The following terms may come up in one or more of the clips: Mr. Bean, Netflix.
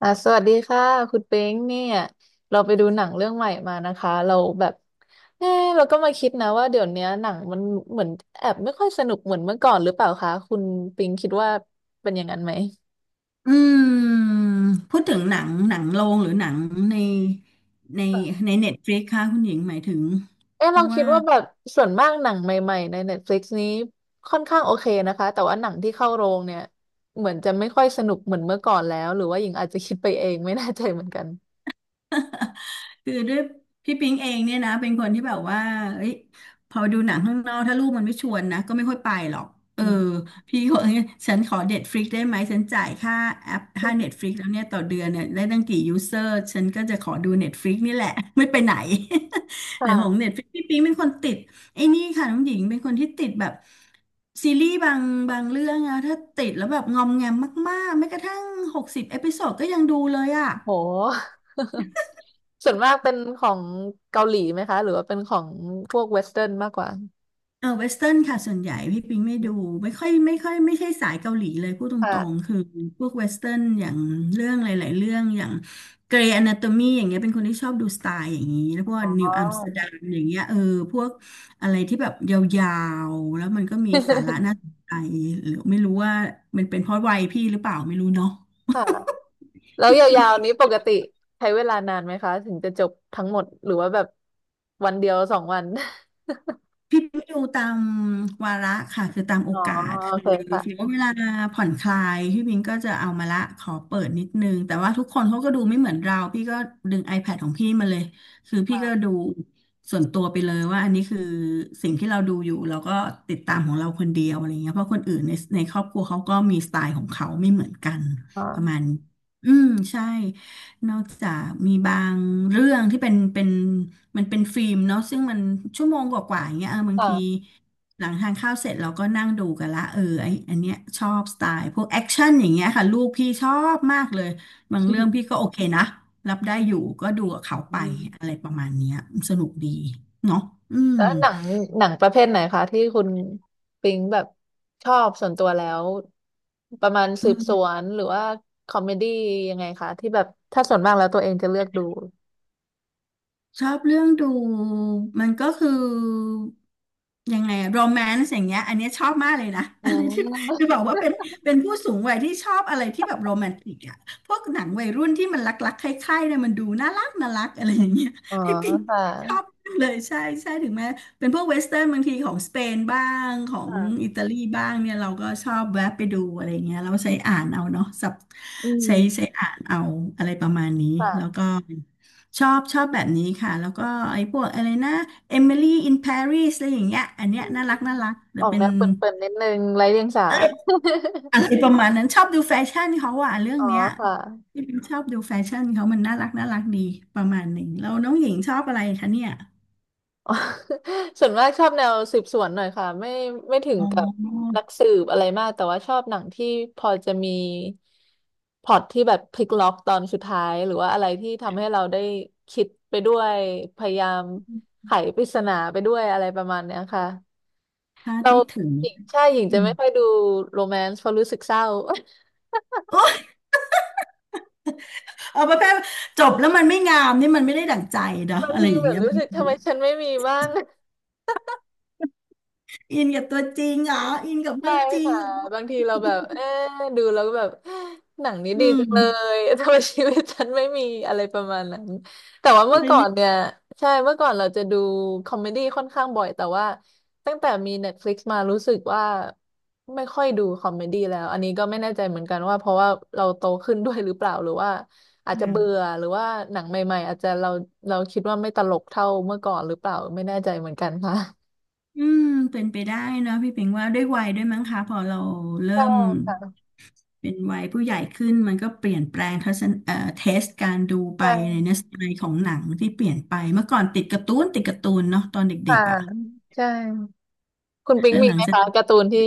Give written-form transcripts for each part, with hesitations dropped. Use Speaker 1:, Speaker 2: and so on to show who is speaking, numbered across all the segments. Speaker 1: สวัสดีค่ะคุณเป้งเนี่ยเราไปดูหนังเรื่องใหม่มานะคะเราแบบเออเราก็มาคิดนะว่าเดี๋ยวเนี้ยหนังมันเหมือนแอบไม่ค่อยสนุกเหมือนเมื่อก่อนหรือเปล่าคะคุณปิงคิดว่าเป็นอย่างนั้นไหม
Speaker 2: อืมพูดถึงหนังโรงหรือหนังในในในเน็ตฟลิกค่ะคุณหญิงหมายถึงเพ
Speaker 1: เรา
Speaker 2: ราะ
Speaker 1: คิ
Speaker 2: ว่า
Speaker 1: ดว่าแบบส่วนมากหนังใหม่ๆใน n e ลิก i x นี้ค่อนข้างโอเคนะคะแต่ว่าหนังที่เข้าโรงเนี่ยเหมือนจะไม่ค่อยสนุกเหมือนเมื่อก่อนแล้วหรือว่าหญิงอาจจะคิดไปเองไม่แน่ใจเหมือนกัน
Speaker 2: คือด้วยพี่ปิงเองเนี่ยนะเป็นคนที่แบบว่าเอ้ยพอดูหนังข้างนอกถ้าลูกมันไม่ชวนนะก็ไม่ค่อยไปหรอกเอ
Speaker 1: อื
Speaker 2: อ
Speaker 1: ม
Speaker 2: พี่ก็เอ้ยฉันขอเน็ตฟลิกได้ไหมฉันจ่ายค่าแอปค่าเน็ตฟลิกแล้วเนี่ยต่อเดือนเนี่ยได้ตั้งกี่ยูเซอร์ฉันก็จะขอดูเน็ตฟลิกนี่แหละ ไม่ไปไหน แต่ของ
Speaker 1: ค่ะ
Speaker 2: เน็ตฟลิกพี่ปิงเป็นคนติดไอ้นี่ค่ะน้องหญิงเป็นคนที่ติดแบบซีรีส์บางเรื่องอะถ้าติดแล้วแบบงอมแงมมากๆแม้กระทั่ง60 เอพิโซดก็ยังดูเลยอะ
Speaker 1: โห ส่วนมากเป็นของเกาหลีไหมคะหรือว่าเป็นของพวกเวสเทิร์นมากกว่า
Speaker 2: เออเวสเทิร์นค่ะส่วนใหญ่พี่ปิงไม่ดูไม่ค่อยไม่ใช่สายเกาหลีเลยพูดตรงๆ
Speaker 1: ค่ะ
Speaker 2: คือพวกเวสเทิร์นอย่างเรื่องหลายๆเรื่องอย่างเกรย์อนาโตมีอย่างเงี้ยเป็นคนที่ชอบดูสไตล์อย่างนี้แล้วพวก
Speaker 1: อ๋อ
Speaker 2: นิวอัมสเตอร์ดัมอย่างเงี้ยเออพวกอะไรที่แบบยาวๆแล้วมันก็มีสาระน่าสนใจหรือไม่รู้ว่ามันเป็นเพราะวัยพี่หรือเปล่าไม่รู้เนาะ
Speaker 1: ค่ะแล้วยาวๆนี้ปกติใช้เวลานานไหมคะถึงจะจบทั้งหมดหรือว่าแบบวันเดียวสองวัน
Speaker 2: พี่ไปดูตามวาระค่ะคือตามโอ
Speaker 1: อ๋อ
Speaker 2: กาส
Speaker 1: โอ
Speaker 2: คือ
Speaker 1: เค
Speaker 2: ถือ
Speaker 1: ค่ะ
Speaker 2: ว่าเวลาผ่อนคลายพี่บิงก็จะเอามาละขอเปิดนิดนึงแต่ว่าทุกคนเขาก็ดูไม่เหมือนเราพี่ก็ดึง iPad ของพี่มาเลยคือพี่ก็
Speaker 1: ค่ะ
Speaker 2: ดูส่วนตัวไปเลยว่าอันนี้คือสิ่งที่เราดูอยู่เราก็ติดตามของเราคนเดียวอะไรเงี้ยเพราะคนอื่นในครอบครัวเขาก็มีสไตล์ของเขาไม่เหมือนกัน
Speaker 1: อ๋
Speaker 2: ประมา
Speaker 1: อ
Speaker 2: ณนี้อืมใช่ นอกจากมีบางเรื่องที่เป็นมันเป็นฟิล์มเนาะซึ่งมันชั่วโมงกว่าๆอย่างเงี้ยเออบาง
Speaker 1: ค่ะ
Speaker 2: ที หลังทานข้าวเสร็จเราก็นั่งดูกันละเออไออันเนี้ยชอบสไตล์พวกแอคชั่นอย่างเงี้ยค่ะลูกพี่ชอบมากเลยบางเรื่องพี่ก็โอเคนะรับได้อยู่ก็ดูกับเขาไป
Speaker 1: อืม
Speaker 2: อะไรประมาณเนี้ยสนุกดีเนาะอืม
Speaker 1: แล้วหนังหนังประเภทไหนคะที่คุณปิงแบบชอบส่วนตัวแล้วประมาณสืบสวนหรือว่าคอมเมดี้ยังไงคะที่แบบถ้าส่วนมากแล้วตัวเองจะเลือกดู
Speaker 2: ชอบเรื่องดูมันก็คือยังไงโรแมนต์อย่างเงี้ยอันเนี้ยชอบมากเลยนะ
Speaker 1: อื
Speaker 2: อะไรที่จะบ
Speaker 1: ม
Speaker 2: อกว่าเป็นผู้สูงวัยที่ชอบอะไรที่แบบโรแมนติกอะพวกหนังวัยรุ่นที่มันรักๆใคร่ๆเนี่ยมันดูน่ารักน่ารักอะไรอย่างเงี้ย
Speaker 1: อ๋อ
Speaker 2: พี่ปิง
Speaker 1: ค่
Speaker 2: ชอบ
Speaker 1: ะ
Speaker 2: เลยใช่ใช่ถึงแม้เป็นพวกเวสเทิร์นบางทีของสเปนบ้างของ
Speaker 1: ค่ะ
Speaker 2: อิตาลีบ้างเนี่ยเราก็ชอบแวะไปดูอะไรเงี้ยเราใช้อ่านเอาเนาะ
Speaker 1: อืม
Speaker 2: ใช้อ่านเอาอะไรประมาณนี้แล้วก็
Speaker 1: ค่ะ
Speaker 2: ชอบแบบนี้ค่ะแล้วก็ไอ้พวกอะไรนะ Emily in Paris อะไรอย่างเงี้ยอันเนี้ยน่ารักน่ารักแต่
Speaker 1: ออก
Speaker 2: เป็
Speaker 1: แน
Speaker 2: น
Speaker 1: วเปิ่นๆนิดนึงไร้เดียงสา
Speaker 2: อะไรประมาณนั้นชอบดูแฟชั่นเขาอ่ะเรื่อง
Speaker 1: อ๋อ
Speaker 2: เนี้ย
Speaker 1: ค่ะ
Speaker 2: ที่ เป็นชอบดูแฟชั่นเขามันน่ารักน่ารักดีประมาณหนึ่งแล้วน้องหญิงชอบอะไรคะเนี่ย
Speaker 1: อ๋อ ส่วนมากชอบแนวสืบสวนหน่อยค่ะ ไม่ไม่ถึง
Speaker 2: อ๋
Speaker 1: กับ
Speaker 2: อ
Speaker 1: นักสืบอะไรมาก แต่ว่าชอบหนังที่พอจะมีพล็อตที่แบบพลิกล็อกตอนสุดท้ายหรือว่าอะไรที่ทำให้เราได้คิดไปด้วย พยายามไขปริศนาไปด้วยอะไรประมาณเนี้ยค่ะ
Speaker 2: คาด
Speaker 1: เรา
Speaker 2: ไม่ถึง
Speaker 1: หญิงใช่หญิงจะ
Speaker 2: อื
Speaker 1: ไม่
Speaker 2: ม
Speaker 1: ค่อยดูโรแมนต์เพราะรู้สึกเศร้า
Speaker 2: โอ้ยเอาประเภทจบแล้วมันไม่งามนี่มันไม่ได้ดั่งใจเนาะ
Speaker 1: บาง
Speaker 2: อะไร
Speaker 1: ที
Speaker 2: อย่าง
Speaker 1: แบบ
Speaker 2: เงี้ย
Speaker 1: รู้สึกทำไมฉันไม่มีบ้าง
Speaker 2: อินกับตัวจริงเหรออินกับเรื่
Speaker 1: ใช่
Speaker 2: องจริง
Speaker 1: ค่ะ
Speaker 2: เหรอ
Speaker 1: บางทีเราแบบเอ๊ะดูแล้วก็แบบหนังนี้
Speaker 2: อื
Speaker 1: ดีจังเล
Speaker 2: ม
Speaker 1: ย ทำไมชีวิตฉันไม่มีอะไรประมาณนั้นแต่ว่าเมื่
Speaker 2: เล
Speaker 1: อ
Speaker 2: ย
Speaker 1: ก่อ
Speaker 2: รี
Speaker 1: น
Speaker 2: บ
Speaker 1: เนี่ยใช่เมื่อก่อนเราจะดูคอมเมดี้ค่อนข้างบ่อยแต่ว่าตั้งแต่มี Netflix มารู้สึกว่าไม่ค่อยดูคอมเมดี้แล้วอันนี้ก็ไม่แน่ใจเหมือนกันว่าเพราะว่าเราโตขึ้นด้วยหรือเปล่าหรือว่าอาจจะเบื่อหรือว่าหนังใหม่ๆอาจจะเราคิดว่าไม่ตลกเท่าเมื่อก่อนหรือเปล่าไม่แน่ใจเหมือนกันค่ะ
Speaker 2: อืมเป็นไปได้เนอะพี่เปิงว่าด้วยวัยด้วยมั้งคะพอเราเริ่
Speaker 1: ใช่
Speaker 2: ม
Speaker 1: ค่ะ
Speaker 2: เป็นวัยผู้ใหญ่ขึ้นมันก็เปลี่ยนแปลงทัศนเทสการดูไปใน
Speaker 1: ใช่
Speaker 2: เนื้อสไตล์ของหนังที่เปลี่ยนไปเมื่อก่อนติดการ์ตูนติดการ์ตูนเนาะตอนเด็
Speaker 1: ค่ะ
Speaker 2: กๆอ่ะ
Speaker 1: ใช่ คุณปิง
Speaker 2: แล้ว
Speaker 1: มี
Speaker 2: หลัง
Speaker 1: ไหม
Speaker 2: จาก
Speaker 1: คะ
Speaker 2: นั้น
Speaker 1: การ์ตูนที่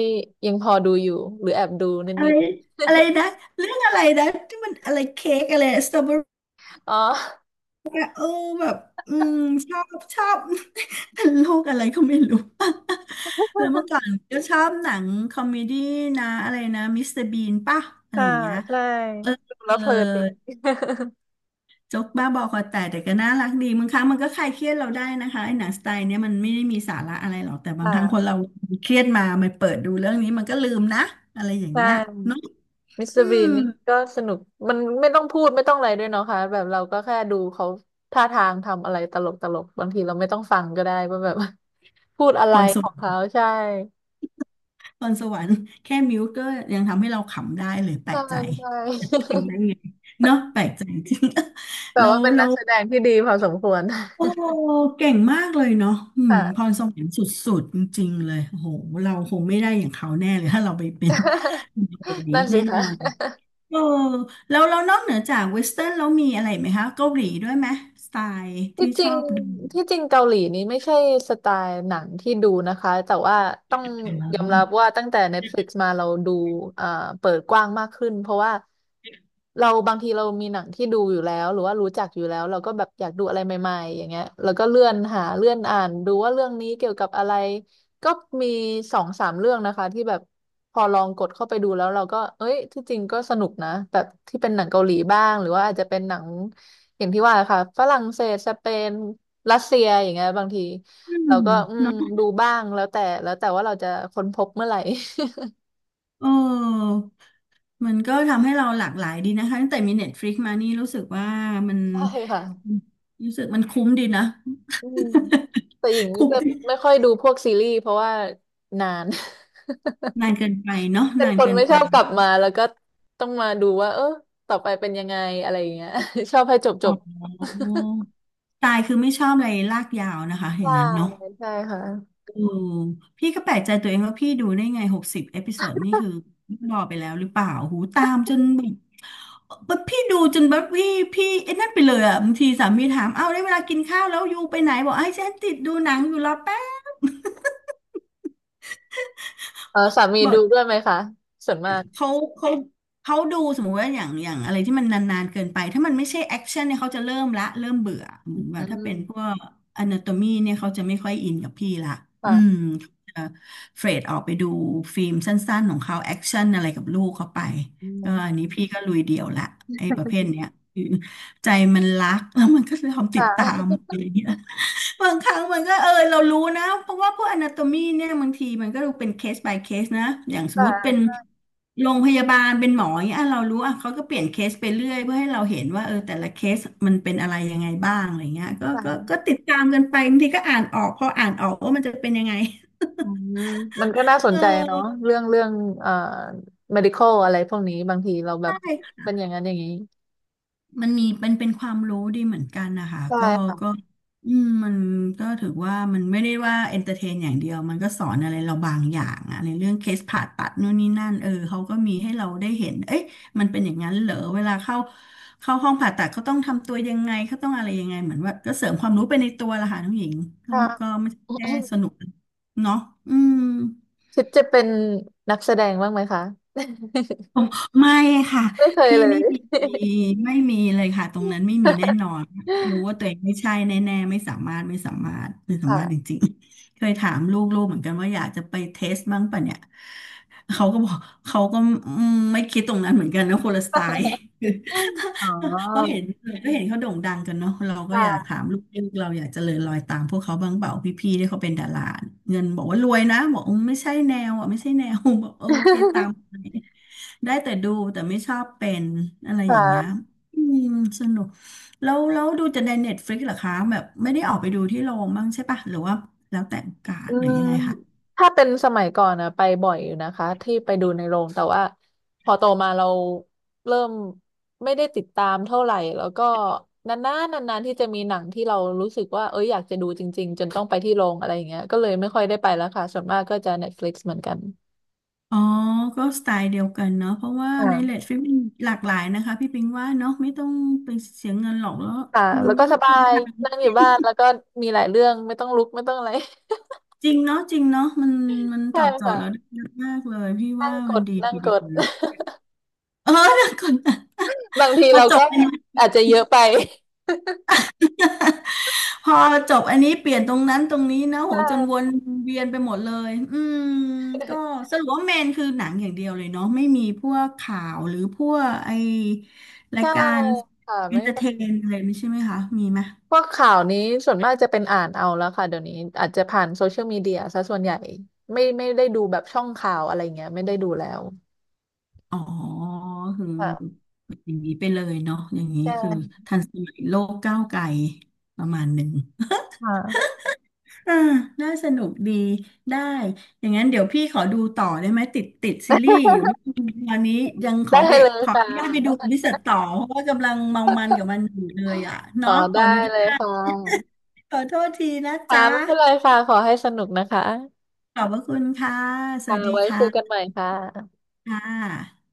Speaker 1: ยังพอดูอยู่หรือแอบดู
Speaker 2: อะ
Speaker 1: นิ
Speaker 2: ไร
Speaker 1: ด
Speaker 2: อะไรนะเรื่องอะไรนะที่มันอะไรเค้กอะไรสตรอเบอรี่
Speaker 1: ๆอ๋อ
Speaker 2: โอ้แบบอืมชอบ โลกอะไรก็ไม่รู้ แล้วเมื่อก่อนก็ชอบหนังคอมเมดี้นะอะไรนะมิสเตอร์บีนป่ะอะไร
Speaker 1: ค่ะ
Speaker 2: อย่างเงี้ย
Speaker 1: ใช่
Speaker 2: เออ
Speaker 1: ดู
Speaker 2: เออ
Speaker 1: แล้วเพลินดี
Speaker 2: โจ๊กบ้าบอคอแตกแต่ก็น่ารักดีบางครั้งมันก็คลายเครียดเราได้นะคะไอ้หนังสไตล์เนี้ยมันไม่ได้มีสาระอะไรหรอกแต่ บางครั้งคน
Speaker 1: ค่ะ
Speaker 2: เราเครียดมามันเปิดดูเรื่องนี้มันก็ลืมนะอะไรอย่าง
Speaker 1: ใช่
Speaker 2: เงี้ยเนาะ
Speaker 1: มิสเตอ
Speaker 2: อื
Speaker 1: ร์บี
Speaker 2: ม
Speaker 1: นนี่ก็สนุกมันไม่ต้องพูดไม่ต้องอะไรด้วยเนาะค่ะแบบเราก็แค่ดูเขาท่าทางทำอะไรตลกตลกบางทีเราไม่ต้องฟังก็ได้ว่าแบบ พูดอะ
Speaker 2: พ
Speaker 1: ไร
Speaker 2: รส
Speaker 1: ข
Speaker 2: วรร
Speaker 1: อ
Speaker 2: ค
Speaker 1: งเขา
Speaker 2: ์
Speaker 1: ใช่
Speaker 2: พรสวรรค์แค่มิวก็ยังทำให้เราขำได้เลยแปล
Speaker 1: ใช่
Speaker 2: กใจ
Speaker 1: ใช่
Speaker 2: ขำได้ไงเนาะแปลกใจจริง
Speaker 1: แต่
Speaker 2: เรา
Speaker 1: ว่าเป็น
Speaker 2: เรา
Speaker 1: นักแสดงที่ดีพอสมควร
Speaker 2: โอ้เก่งมากเลยเนาะอืมพ
Speaker 1: ค่ะ
Speaker 2: รสวรรค์สุดๆจริงๆเลยโอ้โหเราคงไม่ได้อย่างเขาแน่เลยถ้าเราไปเป็นคน นี้
Speaker 1: นั่น
Speaker 2: แน่
Speaker 1: สิ
Speaker 2: น
Speaker 1: คะ
Speaker 2: อนเออแล้วนอกเหนือจากเวสเทิร์นแล้วมีอะไรไหมคะเกาหลีด้วยไหมสไตล์
Speaker 1: ที่
Speaker 2: ที่
Speaker 1: จ
Speaker 2: ช
Speaker 1: ริ
Speaker 2: อ
Speaker 1: ง
Speaker 2: บดู
Speaker 1: ที่จริงเกาหลีนี้ไม่ใช่สไตล์หนังที่ดูนะคะแต่ว่าต้องยอมรับว่าตั้งแต่ Netflix มาเราดูเอ่อเปิดกว้างมากขึ้นเพราะว่าเราบางทีเรามีหนังที่ดูอยู่แล้วหรือว่ารู้จักอยู่แล้วเราก็แบบอยากดูอะไรใหม่ๆอย่างเงี้ยแล้วก็เลื่อนหาเลื่อนอ่านดูว่าเรื่องนี้เกี่ยวกับอะไรก็มีสองสามเรื่องนะคะที่แบบพอลองกดเข้าไปดูแล้วเราก็เอ้ยที่จริงก็สนุกนะแบบที่เป็นหนังเกาหลีบ้างหรือว่าอาจจะเป็นหนัง อย่างที่ว่าค่ะฝรั่งเศสสเปนรัสเซียอย่างเงี้ยบางที
Speaker 2: อืม
Speaker 1: เราก็อืม
Speaker 2: เนาะ
Speaker 1: ดูบ้างแล้วแต่แล้วแต่ว่าเราจะค้นพบเมื่อไหร่
Speaker 2: เออมันก็ทำให้เราหลากหลายดีนะคะตั้งแต่มี Netflix มานี่รู้สึกว่ามัน
Speaker 1: ใช่ค่ะ
Speaker 2: รู้สึกมันคุ้มดีนะ
Speaker 1: อืมแต่หญิง
Speaker 2: คุ้ม
Speaker 1: จะ
Speaker 2: ดี
Speaker 1: ไม่ค่อยดูพวกซีรีส์เพราะว่านาน
Speaker 2: นานเกินไปเนาะ
Speaker 1: เป็น
Speaker 2: นาน
Speaker 1: คน
Speaker 2: เกิน
Speaker 1: ไม่ช
Speaker 2: ไป
Speaker 1: อบกลับมาแล้วก็ต้องมาดูว่าต่อไปเป็นยังไงอะไรอย่างเงี้ย ชอบให้จบจ
Speaker 2: อ๋อ
Speaker 1: บ
Speaker 2: ตายคือไม่ชอบอะไรลากยาวนะคะ อย่า
Speaker 1: ใช่
Speaker 2: งนั้นเนาะ
Speaker 1: ใช่ค่ะ
Speaker 2: อืมพี่ก็แปลกใจตัวเองว่าพี่ดูได้ไง60เอพิโซดนี่คือรอไปแล้วหรือเปล่า หูตามจนแบบแบบพี่ดูจนแบบพี่ไอ้นั่นไปเลยอะบางทีสามีถาม เอ้าได้เวลากินข้าวแล้วยูไปไหนบอกไอ้ฉันติดดูหนังอยู่รอแป๊บ
Speaker 1: เออสามี
Speaker 2: บอ
Speaker 1: ดู
Speaker 2: ก
Speaker 1: ด้วยไหมคะส่วนมาก
Speaker 2: เขาเขาเขาดูสมมุติว่าอย่างอะไรที่มันนานๆเกินไปถ้ามันไม่ใช่แอคชั่นเนี่ยเขาจะเริ่มละเริ่มเบื่อ
Speaker 1: อื
Speaker 2: เหมือนแบบถ้าเป็นพว
Speaker 1: ม
Speaker 2: ก อนาโตมีเนี่ยเขาจะไม่ค่อยอินกับพี่ละอื
Speaker 1: ค่ะ
Speaker 2: มเขาจะเฟรดออกไปดูฟิล์มสั้นๆของเขาแอคชั่นอะไรกับลูกเขาไป
Speaker 1: อื
Speaker 2: ก็อัน
Speaker 1: ม
Speaker 2: นี้พี่ก็ลุยเดี่ยวละไอ้ประเภทเนี้ยคือใจมันรักแล้วมันก็ยอมติ
Speaker 1: ค่
Speaker 2: ดตาม
Speaker 1: ะ
Speaker 2: อะไรเงี้ย บางครั้งมันก็เออเรารู้นะเพราะว่าพวก a นาโตมีเนี่ยบางทีมันก็ดูเป็นเคส by เคสนะอย่างส มมุติเป็น
Speaker 1: ค่ะ
Speaker 2: โรงพยาบาลเป็นหมออย่างเงี้ยอ่ะเรารู้อ่ะเขาก็เปลี่ยนเคสไปเรื่อยเพื่อให้เราเห็นว่าเออแต่ละเคสมันเป็นอะไรยังไงบ้างอะไรเงี้ยก็
Speaker 1: ค่ะ
Speaker 2: ติดตามกันไปบางทีก็อ่านออกพออ่านออกว่ามันจะเป็นยังไง
Speaker 1: อืมมันก็น่า สน
Speaker 2: เอ
Speaker 1: ใจเนาะ
Speaker 2: อ
Speaker 1: เรื่องเรื่องเอ่อ medical อะไรพวกนี้บางทีเราแบบ
Speaker 2: ใช่
Speaker 1: เป็นอย่างนั้นอย่างนี้
Speaker 2: มันมีเป็นความรู้ดีเหมือนกันนะคะ
Speaker 1: ใช่
Speaker 2: ก็
Speaker 1: ค่ะ
Speaker 2: ก็อืมมันก็ถือว่ามันไม่ได้ว่าเอนเตอร์เทนอย่างเดียวมันก็สอนอะไรเราบางอย่างอะในเรื่องเคสผ่าตัดนู่นนี่นั่นเออเขาก็มีให้เราได้เห็นเอ๊ะมันเป็นอย่างนั้นเหรอเวลาเข้าห้องผ่าตัดเขาต้องทำตัวยังไงเขาต้องอะไรยังไงเหมือนว่าก็เสริมความรู้ไปในตัวละค่ะน้องหญิงก็
Speaker 1: ค่ะ
Speaker 2: ก็ไม่ใช่แค่สนุก เนาะอืม
Speaker 1: คิดจะเป็นนักแสดงบ้างไหมคะ
Speaker 2: อ๋อไม่ค่ะ
Speaker 1: ไม่เคย
Speaker 2: พี่
Speaker 1: เล
Speaker 2: ไม่
Speaker 1: ย
Speaker 2: มีไม่มีเลยค่ะตรงนั้นไม่มีแน่นอนรู้ว่าตัวเอ งไม่ใช่แน่ๆไม่สามารถไม่สามารถไม่สา
Speaker 1: ค่ะ
Speaker 2: มารถจริงๆเคยถามลูกๆเหมือนกันว่าอยากจะไปเทสบ้างปะเนี่ยเขาก็บอกเขาก็อืมไม่คิดตรงนั้นเหมือนกันนะคนละสไตล์
Speaker 1: อ๋อ
Speaker 2: เพราะเห็นก็เห็นเขาโด่งดังกันเนาะเราก็อยาก
Speaker 1: ค่ะ
Speaker 2: ถามลูกๆเราอยากเจริญรอยตามพวกเขาบ้างเปล่าพี่ๆที่เขาเป็นดาราเงินบอกว่ารวยนะบอกอืมไม่ใช่แนวอ่ะไม่ใช่แนว บอกโอเคตามไป ได้แต่ดูแต่ไม่ชอบเป็นอะไร
Speaker 1: ค
Speaker 2: อย่างเงี้ย
Speaker 1: ่ะ
Speaker 2: อืมสนุกแล้วดูจะในเน็ตฟลิกซ์เหรอคะแบบไม่ได้ออกไปดูที่โรงบ้างใช่ปะหรือว่าแล้วแต่โอกาส
Speaker 1: อื
Speaker 2: หรือ
Speaker 1: ม
Speaker 2: ยังไงคะ
Speaker 1: ถ้าเป็นสมัยก่อนนะไปบ่อยอยู่นะคะที่ไปดูในโรงแต่ว่าพอโตมาเราเริ่มไม่ได้ติดตามเท่าไหร่แล้วก็นานๆนานๆที่จะมีหนังที่เรารู้สึกว่าเอ้ยอยากจะดูจริงๆจนต้องไปที่โรงอะไรอย่างเงี้ยก็เลยไม่ค่อยได้ไปแล้วค่ะส่วนมากก็จะเน็ตฟ t ิกซ์เหมือนกัน
Speaker 2: อ๋อ ก็สไตล์เดียวกันเนาะเพราะว่าในเล
Speaker 1: อ่า
Speaker 2: ดฟลิปมันหลากหลายนะคะพี่ปิงว่าเนาะไม่ต้องไปเสียเงินหรอกแล้ว
Speaker 1: ค่ะ
Speaker 2: มัน
Speaker 1: แล้วก็
Speaker 2: ก็ต้
Speaker 1: ส
Speaker 2: อง
Speaker 1: บา
Speaker 2: เป็น
Speaker 1: ย
Speaker 2: ทาง
Speaker 1: นั่งอยู่บ้านแล้วก็มีหลายเรื่องไม่ต้องลุกไม่ต้องอะไร
Speaker 2: จริงเนาะจริงเนาะมัน มันต
Speaker 1: ใช่
Speaker 2: อบโจท
Speaker 1: ค่ะ
Speaker 2: ย์เราได้เยอะมากเลยพี่
Speaker 1: นั่
Speaker 2: ว่า
Speaker 1: งก
Speaker 2: มัน
Speaker 1: ด
Speaker 2: ดี
Speaker 1: นั่ง
Speaker 2: ที
Speaker 1: ก
Speaker 2: เดีย
Speaker 1: ด
Speaker 2: วเออ เดี๋ยวก่อนะ
Speaker 1: บางที
Speaker 2: มา
Speaker 1: เรา
Speaker 2: จ
Speaker 1: ก็
Speaker 2: บ
Speaker 1: อาจจะเยอะไป
Speaker 2: พอจบอันนี้เปลี่ยนตรงนั้นตรงนี้นะ โห
Speaker 1: ใช่
Speaker 2: จนวนเวียนไปหมดเลยอืมก็สรุปว่าเมนคือหนังอย่างเดียวเลยเนาะไม่มีพวกข่าวหรือพวกไอรา
Speaker 1: ใช่
Speaker 2: ยการ
Speaker 1: ค่ะ
Speaker 2: เอ
Speaker 1: ไม่
Speaker 2: นเตอร์เทนอะไรไม่ใช่ไหมคะมีไหม
Speaker 1: พวกข่าวนี้ส่วนมากจะเป็นอ่านเอาแล้วค่ะเดี๋ยวนี้อาจจะผ่านโซเชียลมีเดียซะส่วนใหญ่ไม่ไม่ได้ดูแบบช่องข่าวอะไรเงี้ยไม่ได้ดูแล้ว
Speaker 2: อ๋อคือ
Speaker 1: ค่ะ
Speaker 2: อย่างนี้ไปเลยเนาะอย่างนี้
Speaker 1: ใช่
Speaker 2: คือทันสมัยโลกก้าวไกลประมาณหนึ่ง
Speaker 1: ค่ะ
Speaker 2: อ่าน่าสนุกดีได้ อย่างนั้นเดี๋ยวพี่ขอดูต่อได้ไหมติดซีรีส์อยู่เรื่องนึงตอนนี้ยังขอ
Speaker 1: ได้
Speaker 2: ไป
Speaker 1: เลย
Speaker 2: ขอ
Speaker 1: ค่
Speaker 2: อนุญาตไปดู
Speaker 1: ะ
Speaker 2: วิเศษต่อเพราะว่ากำลังเมามันกับมันอยู่เลยอ่ะ
Speaker 1: ข
Speaker 2: เนาะ
Speaker 1: อ
Speaker 2: ขอ
Speaker 1: ได้
Speaker 2: อนุญ
Speaker 1: เลย
Speaker 2: าต
Speaker 1: ค่ะ
Speaker 2: ขอโทษทีนะ
Speaker 1: ค่ะ
Speaker 2: จ๊ะ
Speaker 1: ไม่เป็นไรค่ะขอให้สนุกนะคะ
Speaker 2: ขอบพระคุณค่ะส
Speaker 1: ค่ะ
Speaker 2: วัสดี
Speaker 1: ไว้คุยกัน
Speaker 2: ค่ะ
Speaker 1: ใหม่ค่ะ
Speaker 2: ค่ะ